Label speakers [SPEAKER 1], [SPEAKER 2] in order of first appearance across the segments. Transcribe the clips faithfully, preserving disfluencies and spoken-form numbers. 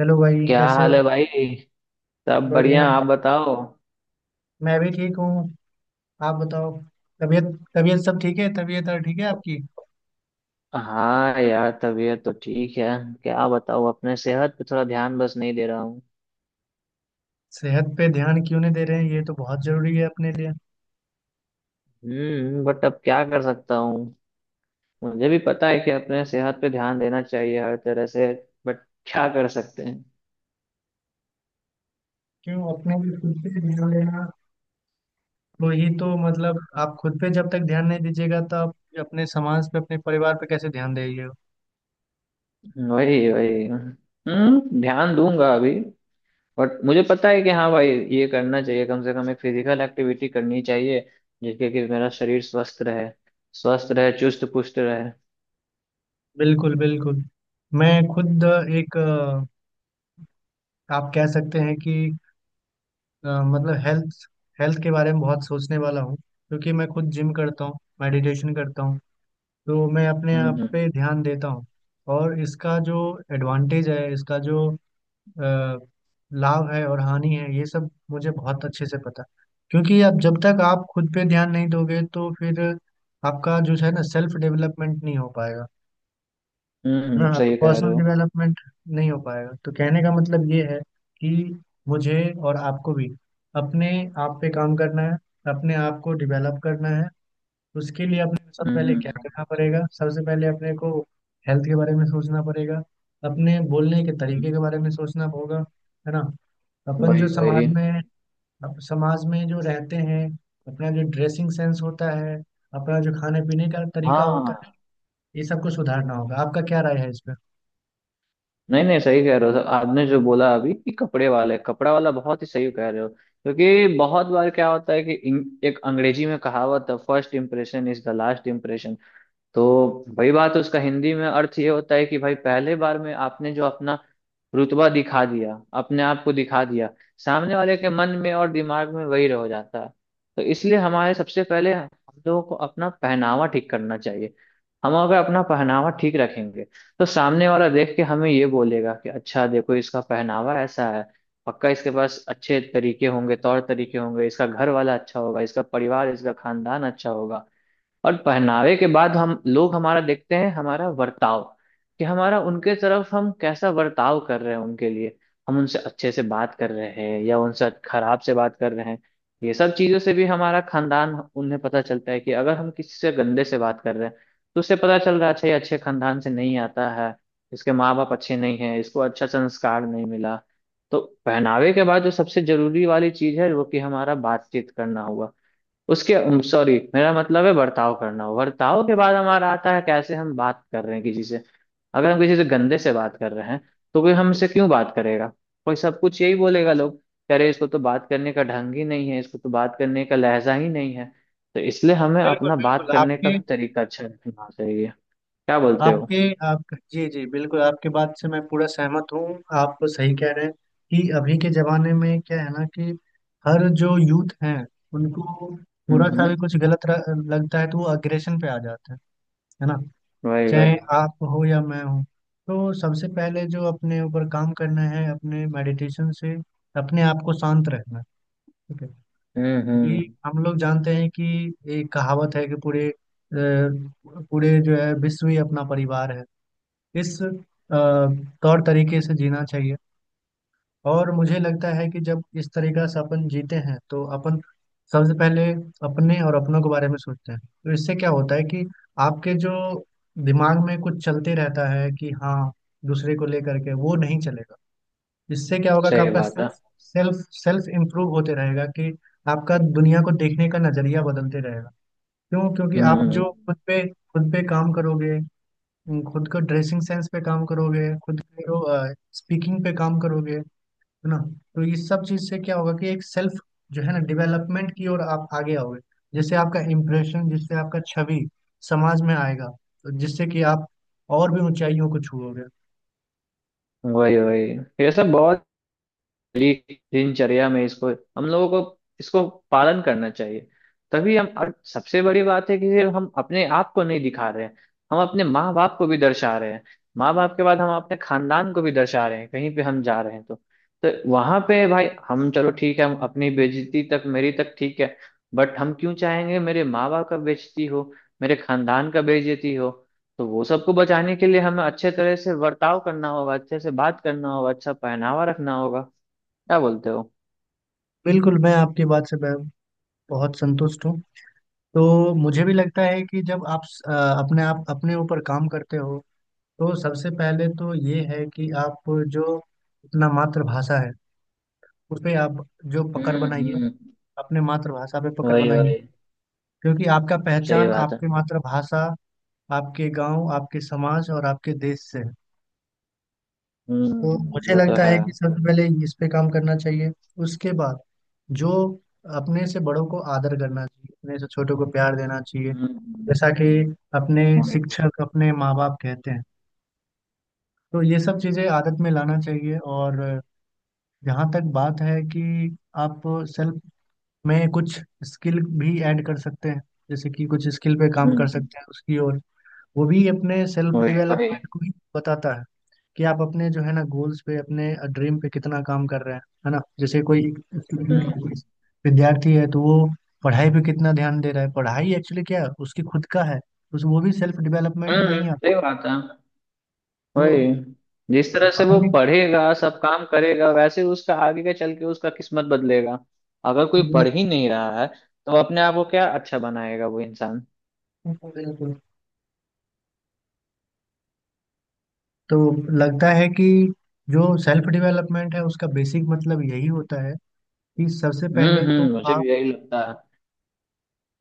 [SPEAKER 1] Hello भाई
[SPEAKER 2] क्या
[SPEAKER 1] कैसे हो।
[SPEAKER 2] हाल है भाई। सब
[SPEAKER 1] बढ़िया,
[SPEAKER 2] बढ़िया। आप बताओ।
[SPEAKER 1] मैं भी ठीक हूँ। आप बताओ, तबीयत, तबीयत सब ठीक है? तबीयत और ठीक है आपकी?
[SPEAKER 2] हाँ यार, तबीयत तो ठीक है। क्या बताऊँ, अपने सेहत पे थोड़ा ध्यान बस नहीं दे रहा हूँ।
[SPEAKER 1] सेहत पे ध्यान क्यों नहीं दे रहे हैं? ये तो बहुत जरूरी है अपने लिए।
[SPEAKER 2] हम्म बट अब क्या कर सकता हूँ। मुझे भी पता है कि अपने सेहत पे ध्यान देना चाहिए हर तरह से। बट क्या कर सकते हैं।
[SPEAKER 1] क्यों अपने लिए खुद पे ध्यान देना तो ही तो, मतलब आप खुद पे जब तक ध्यान नहीं दीजिएगा तो आप अपने समाज पे अपने परिवार पे कैसे ध्यान देंगे?
[SPEAKER 2] वही वही, हम्म ध्यान दूंगा अभी। बट मुझे पता है कि हाँ भाई, ये करना चाहिए, कम से कम एक फिजिकल एक्टिविटी करनी चाहिए, जिससे कि मेरा शरीर स्वस्थ रहे, स्वस्थ रहे, चुस्त पुस्त रहे।
[SPEAKER 1] बिल्कुल बिल्कुल। मैं खुद एक अ, आप कह सकते हैं कि अ, मतलब हेल्थ, हेल्थ के बारे में बहुत सोचने वाला हूँ, क्योंकि मैं खुद जिम करता हूँ, मेडिटेशन करता हूँ। तो मैं अपने
[SPEAKER 2] हम्म
[SPEAKER 1] आप
[SPEAKER 2] हम्म।
[SPEAKER 1] पे ध्यान देता हूँ। और इसका जो एडवांटेज है, इसका जो अ, लाभ है और हानि है, ये सब मुझे बहुत अच्छे से पता है। क्योंकि अब जब तक आप खुद पे ध्यान नहीं दोगे तो फिर आपका जो है ना, सेल्फ डेवलपमेंट नहीं हो पाएगा। है ना,
[SPEAKER 2] हम्म
[SPEAKER 1] आपका
[SPEAKER 2] सही कह रहे
[SPEAKER 1] पर्सनल
[SPEAKER 2] हो।
[SPEAKER 1] डेवलपमेंट नहीं हो पाएगा। तो कहने का मतलब ये है कि मुझे और आपको भी अपने आप पे काम करना है, अपने आप को डेवलप करना है। उसके लिए अपने को सबसे
[SPEAKER 2] हम्म
[SPEAKER 1] पहले क्या
[SPEAKER 2] हम्म।
[SPEAKER 1] करना पड़ेगा? सबसे पहले अपने को हेल्थ के बारे में सोचना पड़ेगा, अपने बोलने के
[SPEAKER 2] हम्म।
[SPEAKER 1] तरीके के बारे में सोचना होगा। है ना, अपन जो
[SPEAKER 2] वही
[SPEAKER 1] समाज
[SPEAKER 2] वही।
[SPEAKER 1] में अप- समाज में जो रहते हैं, अपना जो ड्रेसिंग सेंस होता है, अपना जो खाने पीने का तरीका होता है,
[SPEAKER 2] हाँ।
[SPEAKER 1] ये सबको सुधारना होगा। आपका क्या राय है इस पर?
[SPEAKER 2] नहीं नहीं, सही कह रहे हो आपने जो बोला अभी कि कपड़े वाले कपड़ा वाला, बहुत ही सही कह रहे हो। क्योंकि बहुत बार क्या होता है कि इंग- एक अंग्रेजी में कहावत है, first impression is the last impression. तो वही बात है, उसका हिंदी में अर्थ ये होता है कि भाई, पहले बार में आपने जो अपना रुतबा दिखा दिया, अपने आप को दिखा दिया, सामने वाले के मन में और दिमाग में वही रह जाता है। तो इसलिए हमारे, सबसे पहले हम लोगों को अपना पहनावा ठीक करना चाहिए। हम अगर अपना पहनावा ठीक रखेंगे, तो सामने वाला देख के हमें ये बोलेगा कि अच्छा, देखो इसका पहनावा ऐसा है। पक्का इसके पास अच्छे तरीके होंगे, तौर तरीके होंगे, इसका घर वाला अच्छा होगा, इसका परिवार, इसका खानदान अच्छा होगा। और पहनावे के बाद हम लोग हमारा देखते हैं हमारा वर्ताव, कि हमारा उनके तरफ हम कैसा वर्ताव कर रहे हैं उनके लिए। हम उनसे अच्छे से बात कर रहे हैं या उनसे खराब से बात कर रहे हैं। ये सब चीजों से भी हमारा खानदान उन्हें पता चलता है कि अगर हम किसी से गंदे से बात कर रहे हैं, तो उससे पता चल रहा है, अच्छा, ये अच्छे खानदान से नहीं आता है। इसके माँ बाप अच्छे नहीं हैं, इसको अच्छा संस्कार नहीं मिला। तो पहनावे के बाद जो सबसे जरूरी वाली चीज है वो कि हमारा बातचीत करना हुआ, उसके, सॉरी मेरा मतलब है बर्ताव करना। बर्ताव के बाद हमारा आता है, कैसे हम बात कर रहे हैं किसी से। अगर हम किसी से गंदे से बात कर रहे हैं, तो कोई हमसे क्यों बात करेगा। कोई सब कुछ यही बोलेगा लोग कि अरे, इसको तो बात करने का ढंग ही नहीं है, इसको तो बात करने का लहजा ही नहीं है। तो इसलिए हमें
[SPEAKER 1] बिल्कुल
[SPEAKER 2] अपना बात
[SPEAKER 1] बिल्कुल।
[SPEAKER 2] करने का
[SPEAKER 1] आपके
[SPEAKER 2] भी तरीका अच्छा रखना चाहिए। क्या बोलते हो।
[SPEAKER 1] आपके आप जी जी, बिल्कुल आपके बात से मैं पूरा सहमत हूँ। आप सही कह रहे हैं कि अभी के जमाने में क्या है ना कि हर जो यूथ हैं उनको थोड़ा
[SPEAKER 2] हम्म
[SPEAKER 1] सा
[SPEAKER 2] हम्म।
[SPEAKER 1] भी कुछ गलत र- लगता है तो वो अग्रेशन पे आ जाते हैं। है ना,
[SPEAKER 2] वही
[SPEAKER 1] चाहे
[SPEAKER 2] वही।
[SPEAKER 1] आप हो या मैं हूँ। तो सबसे पहले जो अपने ऊपर काम करना है अपने मेडिटेशन से अपने आप को शांत रखना। ठीक है
[SPEAKER 2] हम्म हम्म।
[SPEAKER 1] कि हम लोग जानते हैं कि एक कहावत है कि पूरे अ, पूरे जो है विश्व ही अपना परिवार है। इस अ, तौर तरीके से जीना चाहिए। और मुझे लगता है कि जब इस तरीका से अपन जीते हैं तो अपन सबसे पहले अपने और अपनों के बारे में सोचते हैं, तो इससे क्या होता है कि आपके जो दिमाग में कुछ चलते रहता है कि हाँ, दूसरे को लेकर के वो नहीं चलेगा। इससे क्या होगा कि
[SPEAKER 2] सही
[SPEAKER 1] आपका
[SPEAKER 2] बात है।
[SPEAKER 1] सेल्फ सेल्फ सेल्फ इम्प्रूव होते रहेगा, कि आपका दुनिया को देखने का नजरिया बदलते रहेगा। क्यों? क्योंकि आप
[SPEAKER 2] हम्म।
[SPEAKER 1] जो खुद पे खुद पे काम करोगे, तुम खुद को ड्रेसिंग सेंस पे काम करोगे, खुद को स्पीकिंग पे काम करोगे, है ना? तो इस सब चीज से क्या होगा कि एक सेल्फ जो है ना, डेवलपमेंट की ओर आप आगे आओगे। जैसे आपका इम्प्रेशन, जिससे आपका छवि समाज में आएगा, तो जिससे कि आप और भी ऊंचाइयों को छुओगे।
[SPEAKER 2] वही वही। ये सब बहुत डेली दिनचर्या में इसको, हम लोगों को इसको पालन करना चाहिए। तभी हम, और सबसे बड़ी बात है कि सिर्फ हम अपने आप को नहीं दिखा रहे हैं, हम अपने माँ बाप को भी दर्शा रहे हैं। माँ बाप के बाद हम अपने खानदान को भी दर्शा रहे हैं। कहीं पे हम जा रहे हैं तो तो वहां पे भाई हम, चलो ठीक है, हम अपनी बेइज्जती तक, मेरी तक ठीक है। बट हम क्यों चाहेंगे मेरे माँ बाप का बेइज्जती हो, मेरे खानदान का बेइज्जती हो। तो वो सबको बचाने के लिए हमें अच्छे तरह से बर्ताव करना होगा, अच्छे से बात करना होगा, अच्छा पहनावा रखना होगा। क्या बोलते हो।
[SPEAKER 1] बिल्कुल, मैं आपकी बात से बह- बहुत संतुष्ट हूँ। तो मुझे भी लगता है कि जब आप अ, अपने आप अपने ऊपर काम करते हो, तो सबसे पहले तो ये है कि आप जो अपना मातृभाषा है उसपे आप जो पकड़
[SPEAKER 2] हम्म
[SPEAKER 1] बनाइए,
[SPEAKER 2] हम्म।
[SPEAKER 1] अपने मातृभाषा पे पकड़
[SPEAKER 2] वही
[SPEAKER 1] बनाइए।
[SPEAKER 2] वही।
[SPEAKER 1] क्योंकि आपका
[SPEAKER 2] सही
[SPEAKER 1] पहचान
[SPEAKER 2] बात है।
[SPEAKER 1] आपकी मातृभाषा, आपके गांव, आपके समाज और आपके देश से है।
[SPEAKER 2] हम्म
[SPEAKER 1] तो
[SPEAKER 2] हम्म,
[SPEAKER 1] मुझे
[SPEAKER 2] वो तो
[SPEAKER 1] लगता
[SPEAKER 2] है।
[SPEAKER 1] है कि सबसे पहले इस पे काम करना चाहिए। उसके बाद जो अपने से बड़ों को आदर करना चाहिए, अपने से छोटों को प्यार देना चाहिए,
[SPEAKER 2] हम्म हम्म।
[SPEAKER 1] जैसा कि अपने
[SPEAKER 2] वही। हम्म।
[SPEAKER 1] शिक्षक, अपने माँ बाप कहते हैं। तो ये सब चीज़ें आदत में लाना चाहिए। और जहाँ तक बात है कि आप सेल्फ में कुछ स्किल भी ऐड कर सकते हैं, जैसे कि कुछ स्किल पे काम कर
[SPEAKER 2] हम्म।
[SPEAKER 1] सकते हैं उसकी ओर, वो भी अपने सेल्फ
[SPEAKER 2] वही वही।
[SPEAKER 1] डेवलपमेंट को ही बताता है कि आप अपने जो है ना, गोल्स पे, अपने ड्रीम पे कितना काम कर रहे हैं। है ना, जैसे कोई
[SPEAKER 2] हम्म
[SPEAKER 1] स्टूडेंट,
[SPEAKER 2] हम्म।
[SPEAKER 1] विद्यार्थी है, तो वो पढ़ाई पे कितना ध्यान दे रहा है, पढ़ाई एक्चुअली क्या है, उसकी खुद का है, उस वो भी सेल्फ डेवलपमेंट में
[SPEAKER 2] हम्म।
[SPEAKER 1] ही आता
[SPEAKER 2] सही
[SPEAKER 1] है।
[SPEAKER 2] बात है। वही।
[SPEAKER 1] तो
[SPEAKER 2] जिस तरह से वो
[SPEAKER 1] कहानी,
[SPEAKER 2] पढ़ेगा सब काम करेगा, वैसे उसका आगे के चल के उसका किस्मत बदलेगा। अगर कोई पढ़ ही नहीं रहा है, तो अपने आप को क्या अच्छा बनाएगा वो इंसान।
[SPEAKER 1] तो लगता है कि जो सेल्फ डेवलपमेंट है उसका बेसिक मतलब यही होता है कि सबसे
[SPEAKER 2] हम्म
[SPEAKER 1] पहले तो
[SPEAKER 2] हम्म, मुझे भी
[SPEAKER 1] आप,
[SPEAKER 2] यही लगता है।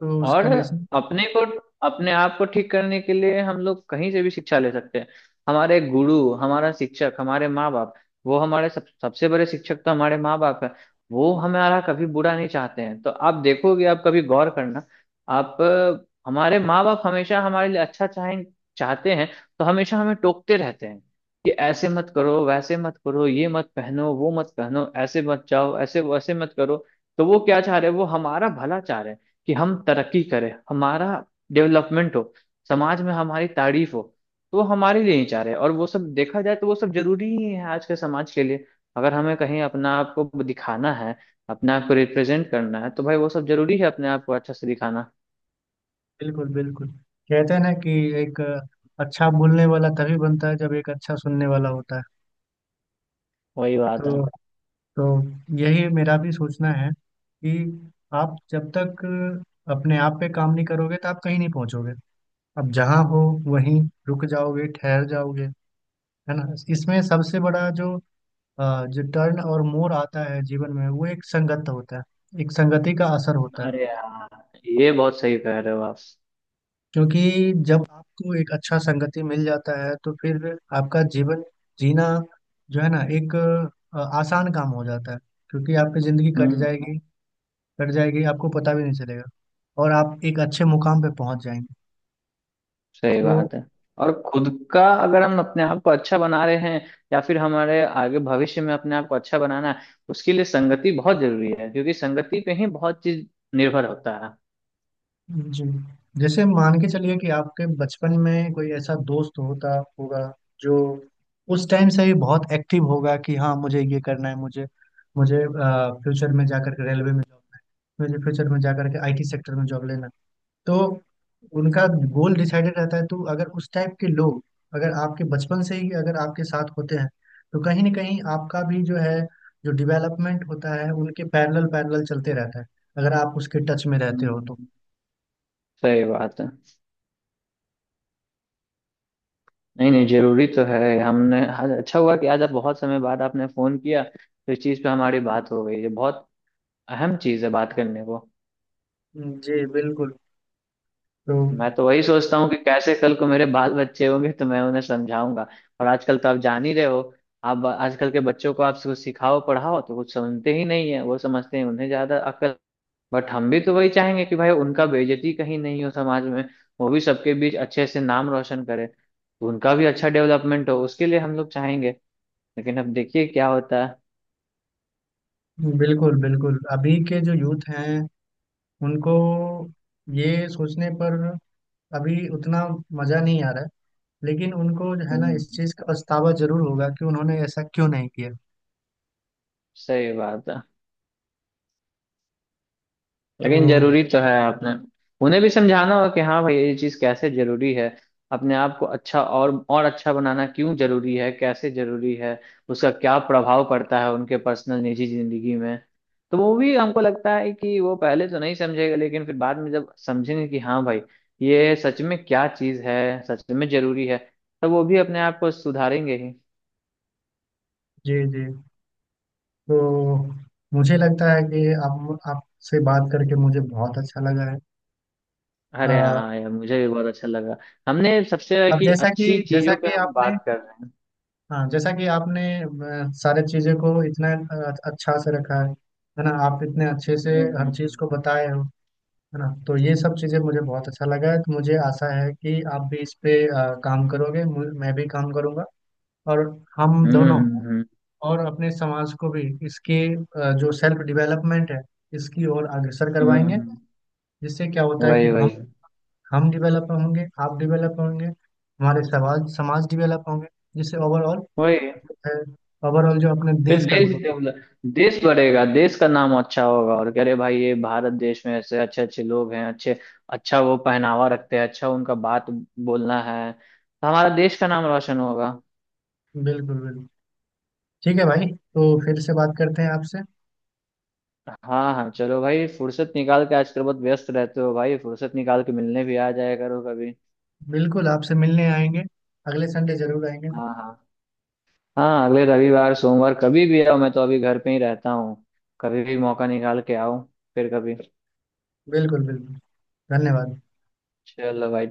[SPEAKER 1] तो
[SPEAKER 2] और
[SPEAKER 1] उसका बेसिक,
[SPEAKER 2] अपने को अपने आप को ठीक करने के लिए हम लोग कहीं से भी शिक्षा ले सकते हैं। हमारे गुरु, हमारा शिक्षक, हमारे माँ बाप, वो हमारे सब, सबसे बड़े शिक्षक तो हमारे माँ बाप है। वो हमारा कभी बुरा नहीं चाहते हैं, तो आप देखोगे, आप कभी गौर करना। आप अ, हमारे माँ बाप हमेशा हमारे लिए अच्छा चाहें चाहते हैं, तो हमेशा हमें टोकते रहते हैं कि ऐसे मत करो, वैसे मत करो, ये मत पहनो, वो मत पहनो, ऐसे मत जाओ, ऐसे वैसे मत करो। तो वो क्या चाह रहे हैं, वो हमारा भला चाह रहे हैं, कि हम तरक्की करें, हमारा डेवलपमेंट हो, समाज में हमारी तारीफ हो। तो वो हमारे लिए ही चाह रहे हैं, और वो सब देखा जाए तो वो सब जरूरी ही है आज के समाज के लिए। अगर हमें कहीं अपना आप को दिखाना है, अपने आप को रिप्रेजेंट करना है, तो भाई वो सब जरूरी है, अपने आप को अच्छा से दिखाना।
[SPEAKER 1] बिल्कुल बिल्कुल। कहते हैं ना कि एक अच्छा बोलने वाला तभी बनता है जब एक अच्छा सुनने वाला होता है।
[SPEAKER 2] वही बात है।
[SPEAKER 1] तो तो यही मेरा भी सोचना है कि आप जब तक अपने आप पे काम नहीं करोगे तो आप कहीं नहीं पहुंचोगे। अब जहां हो वहीं रुक जाओगे, ठहर जाओगे। है ना, इसमें सबसे बड़ा जो अ, जो टर्न और मोड़ आता है जीवन में, वो एक संगत होता है, एक संगति का असर होता है।
[SPEAKER 2] अरे यार, ये बहुत सही कह रहे हो आप।
[SPEAKER 1] क्योंकि जब आपको एक अच्छा संगति मिल जाता है तो फिर आपका जीवन जीना जो है ना, एक अ, आसान काम हो जाता है। क्योंकि आपकी जिंदगी कट
[SPEAKER 2] हम्म
[SPEAKER 1] जाएगी, कट जाएगी, आपको पता भी नहीं चलेगा, और आप एक अच्छे मुकाम पे पहुंच जाएंगे।
[SPEAKER 2] सही
[SPEAKER 1] तो
[SPEAKER 2] बात है। और खुद का, अगर हम अपने आप को अच्छा बना रहे हैं, या फिर हमारे आगे भविष्य में अपने आप को अच्छा बनाना है, उसके लिए संगति बहुत जरूरी है, क्योंकि संगति पे ही बहुत चीज निर्भर होता है।
[SPEAKER 1] जी, जैसे मान के चलिए कि आपके बचपन में कोई ऐसा दोस्त होता होगा जो उस टाइम से ही बहुत एक्टिव होगा कि हाँ, मुझे ये करना है, मुझे मुझे फ्यूचर में जाकर के रेलवे में जॉब, मुझे फ्यूचर में जाकर के आईटी सेक्टर में जॉब लेना है। तो उनका गोल डिसाइडेड रहता है। तो अगर उस टाइप के लोग, अगर आपके बचपन से ही अगर आपके साथ होते हैं, तो कहीं ना कहीं आपका भी जो है, जो डेवलपमेंट होता है, उनके पैरेलल पैरेलल चलते रहता है, अगर आप उसके टच में रहते हो तो।
[SPEAKER 2] हम्म। सही बात है। नहीं नहीं, जरूरी तो है। हमने आज अच्छा हुआ कि आज आप बहुत समय बाद आपने फोन किया, तो इस चीज पे हमारी बात हो गई, ये बहुत अहम चीज है बात करने को।
[SPEAKER 1] जी बिल्कुल। तो
[SPEAKER 2] मैं तो वही सोचता हूँ कि कैसे कल को मेरे बाल बच्चे होंगे तो मैं उन्हें समझाऊंगा। और आजकल तो आप जान ही रहे हो, आप आजकल के बच्चों को आप कुछ सिखाओ पढ़ाओ तो कुछ समझते ही नहीं है, वो समझते हैं उन्हें ज्यादा अकल। बट हम भी तो वही चाहेंगे कि भाई, उनका बेइज्जती कहीं नहीं हो समाज में, वो भी सबके बीच अच्छे से नाम रोशन करे, तो उनका भी अच्छा डेवलपमेंट हो, उसके लिए हम लोग चाहेंगे। लेकिन अब देखिए क्या होता है।
[SPEAKER 1] बिल्कुल बिल्कुल, अभी के जो यूथ हैं उनको ये सोचने पर अभी उतना मजा नहीं आ रहा है, लेकिन उनको जो है ना,
[SPEAKER 2] हम्म
[SPEAKER 1] इस चीज का पछतावा जरूर होगा कि उन्होंने ऐसा क्यों नहीं किया।
[SPEAKER 2] सही बात है।
[SPEAKER 1] तो
[SPEAKER 2] लेकिन जरूरी तो है, आपने उन्हें भी समझाना होगा कि हाँ भाई, ये चीज कैसे जरूरी है, अपने आप को अच्छा और और अच्छा बनाना क्यों जरूरी है, कैसे जरूरी है, उसका क्या प्रभाव पड़ता है उनके पर्सनल निजी जिंदगी में। तो वो भी, हमको लगता है कि वो पहले तो नहीं समझेगा, लेकिन फिर बाद में जब समझेंगे कि हाँ भाई, ये सच में क्या चीज है, सच में जरूरी है, तो वो भी अपने आप को सुधारेंगे ही।
[SPEAKER 1] जी जी, तो मुझे लगता है कि आप आपसे बात करके मुझे बहुत अच्छा लगा है। अ,
[SPEAKER 2] अरे हाँ यार, मुझे भी बहुत अच्छा लगा। हमने सबसे
[SPEAKER 1] अब
[SPEAKER 2] कि
[SPEAKER 1] जैसा कि
[SPEAKER 2] अच्छी
[SPEAKER 1] जैसा
[SPEAKER 2] चीजों पे
[SPEAKER 1] कि
[SPEAKER 2] हम
[SPEAKER 1] आपने,
[SPEAKER 2] बात कर रहे हैं।
[SPEAKER 1] हाँ, जैसा कि आपने अ, सारे चीज़ों को इतना अ, अच्छा से रखा है है ना, आप इतने अच्छे से
[SPEAKER 2] हम्म,
[SPEAKER 1] हर
[SPEAKER 2] हम्म,
[SPEAKER 1] चीज़ को
[SPEAKER 2] हम्म।
[SPEAKER 1] बताए हो, है ना, तो ये सब चीज़ें मुझे बहुत अच्छा लगा है। तो मुझे आशा है कि आप भी इस पे अ, काम करोगे, मु- मैं भी काम करूँगा, और हम
[SPEAKER 2] हम्म
[SPEAKER 1] दोनों,
[SPEAKER 2] हम्म।
[SPEAKER 1] और अपने समाज को भी इसके अ, जो सेल्फ डेवलपमेंट है इसकी ओर अग्रसर करवाएंगे।
[SPEAKER 2] हम्म।
[SPEAKER 1] जिससे क्या होता है कि
[SPEAKER 2] वही
[SPEAKER 1] हम
[SPEAKER 2] वही।
[SPEAKER 1] हम डेवलप होंगे, आप डेवलप होंगे, हमारे समाज समाज डेवलप होंगे। जिससे ओवरऑल
[SPEAKER 2] वही।
[SPEAKER 1] ओवरऑल जो अपने
[SPEAKER 2] फिर
[SPEAKER 1] देश का
[SPEAKER 2] देश
[SPEAKER 1] ग्रोथ हो।
[SPEAKER 2] डेवलप, देश बढ़ेगा, देश का नाम अच्छा होगा और कह रहे भाई ये भारत देश में ऐसे अच्छे अच्छे लोग हैं, अच्छे, अच्छा वो पहनावा रखते हैं, अच्छा उनका बात बोलना है, तो हमारा देश का नाम रोशन होगा।
[SPEAKER 1] बिल्कुल बिल्कुल। ठीक है भाई, तो फिर से बात करते हैं आपसे।
[SPEAKER 2] हाँ हाँ, चलो भाई, फुर्सत निकाल के, आजकल बहुत व्यस्त रहते हो भाई, फुर्सत निकाल के मिलने भी आ जाया करो कभी।
[SPEAKER 1] बिल्कुल, आपसे मिलने आएंगे, अगले संडे जरूर आएंगे।
[SPEAKER 2] हाँ हाँ। हाँ, अगले रविवार सोमवार कभी भी आओ, मैं तो अभी घर पे ही रहता हूँ, कभी भी मौका निकाल के आओ। फिर कभी।
[SPEAKER 1] बिल्कुल बिल्कुल, धन्यवाद।
[SPEAKER 2] चलो भाई।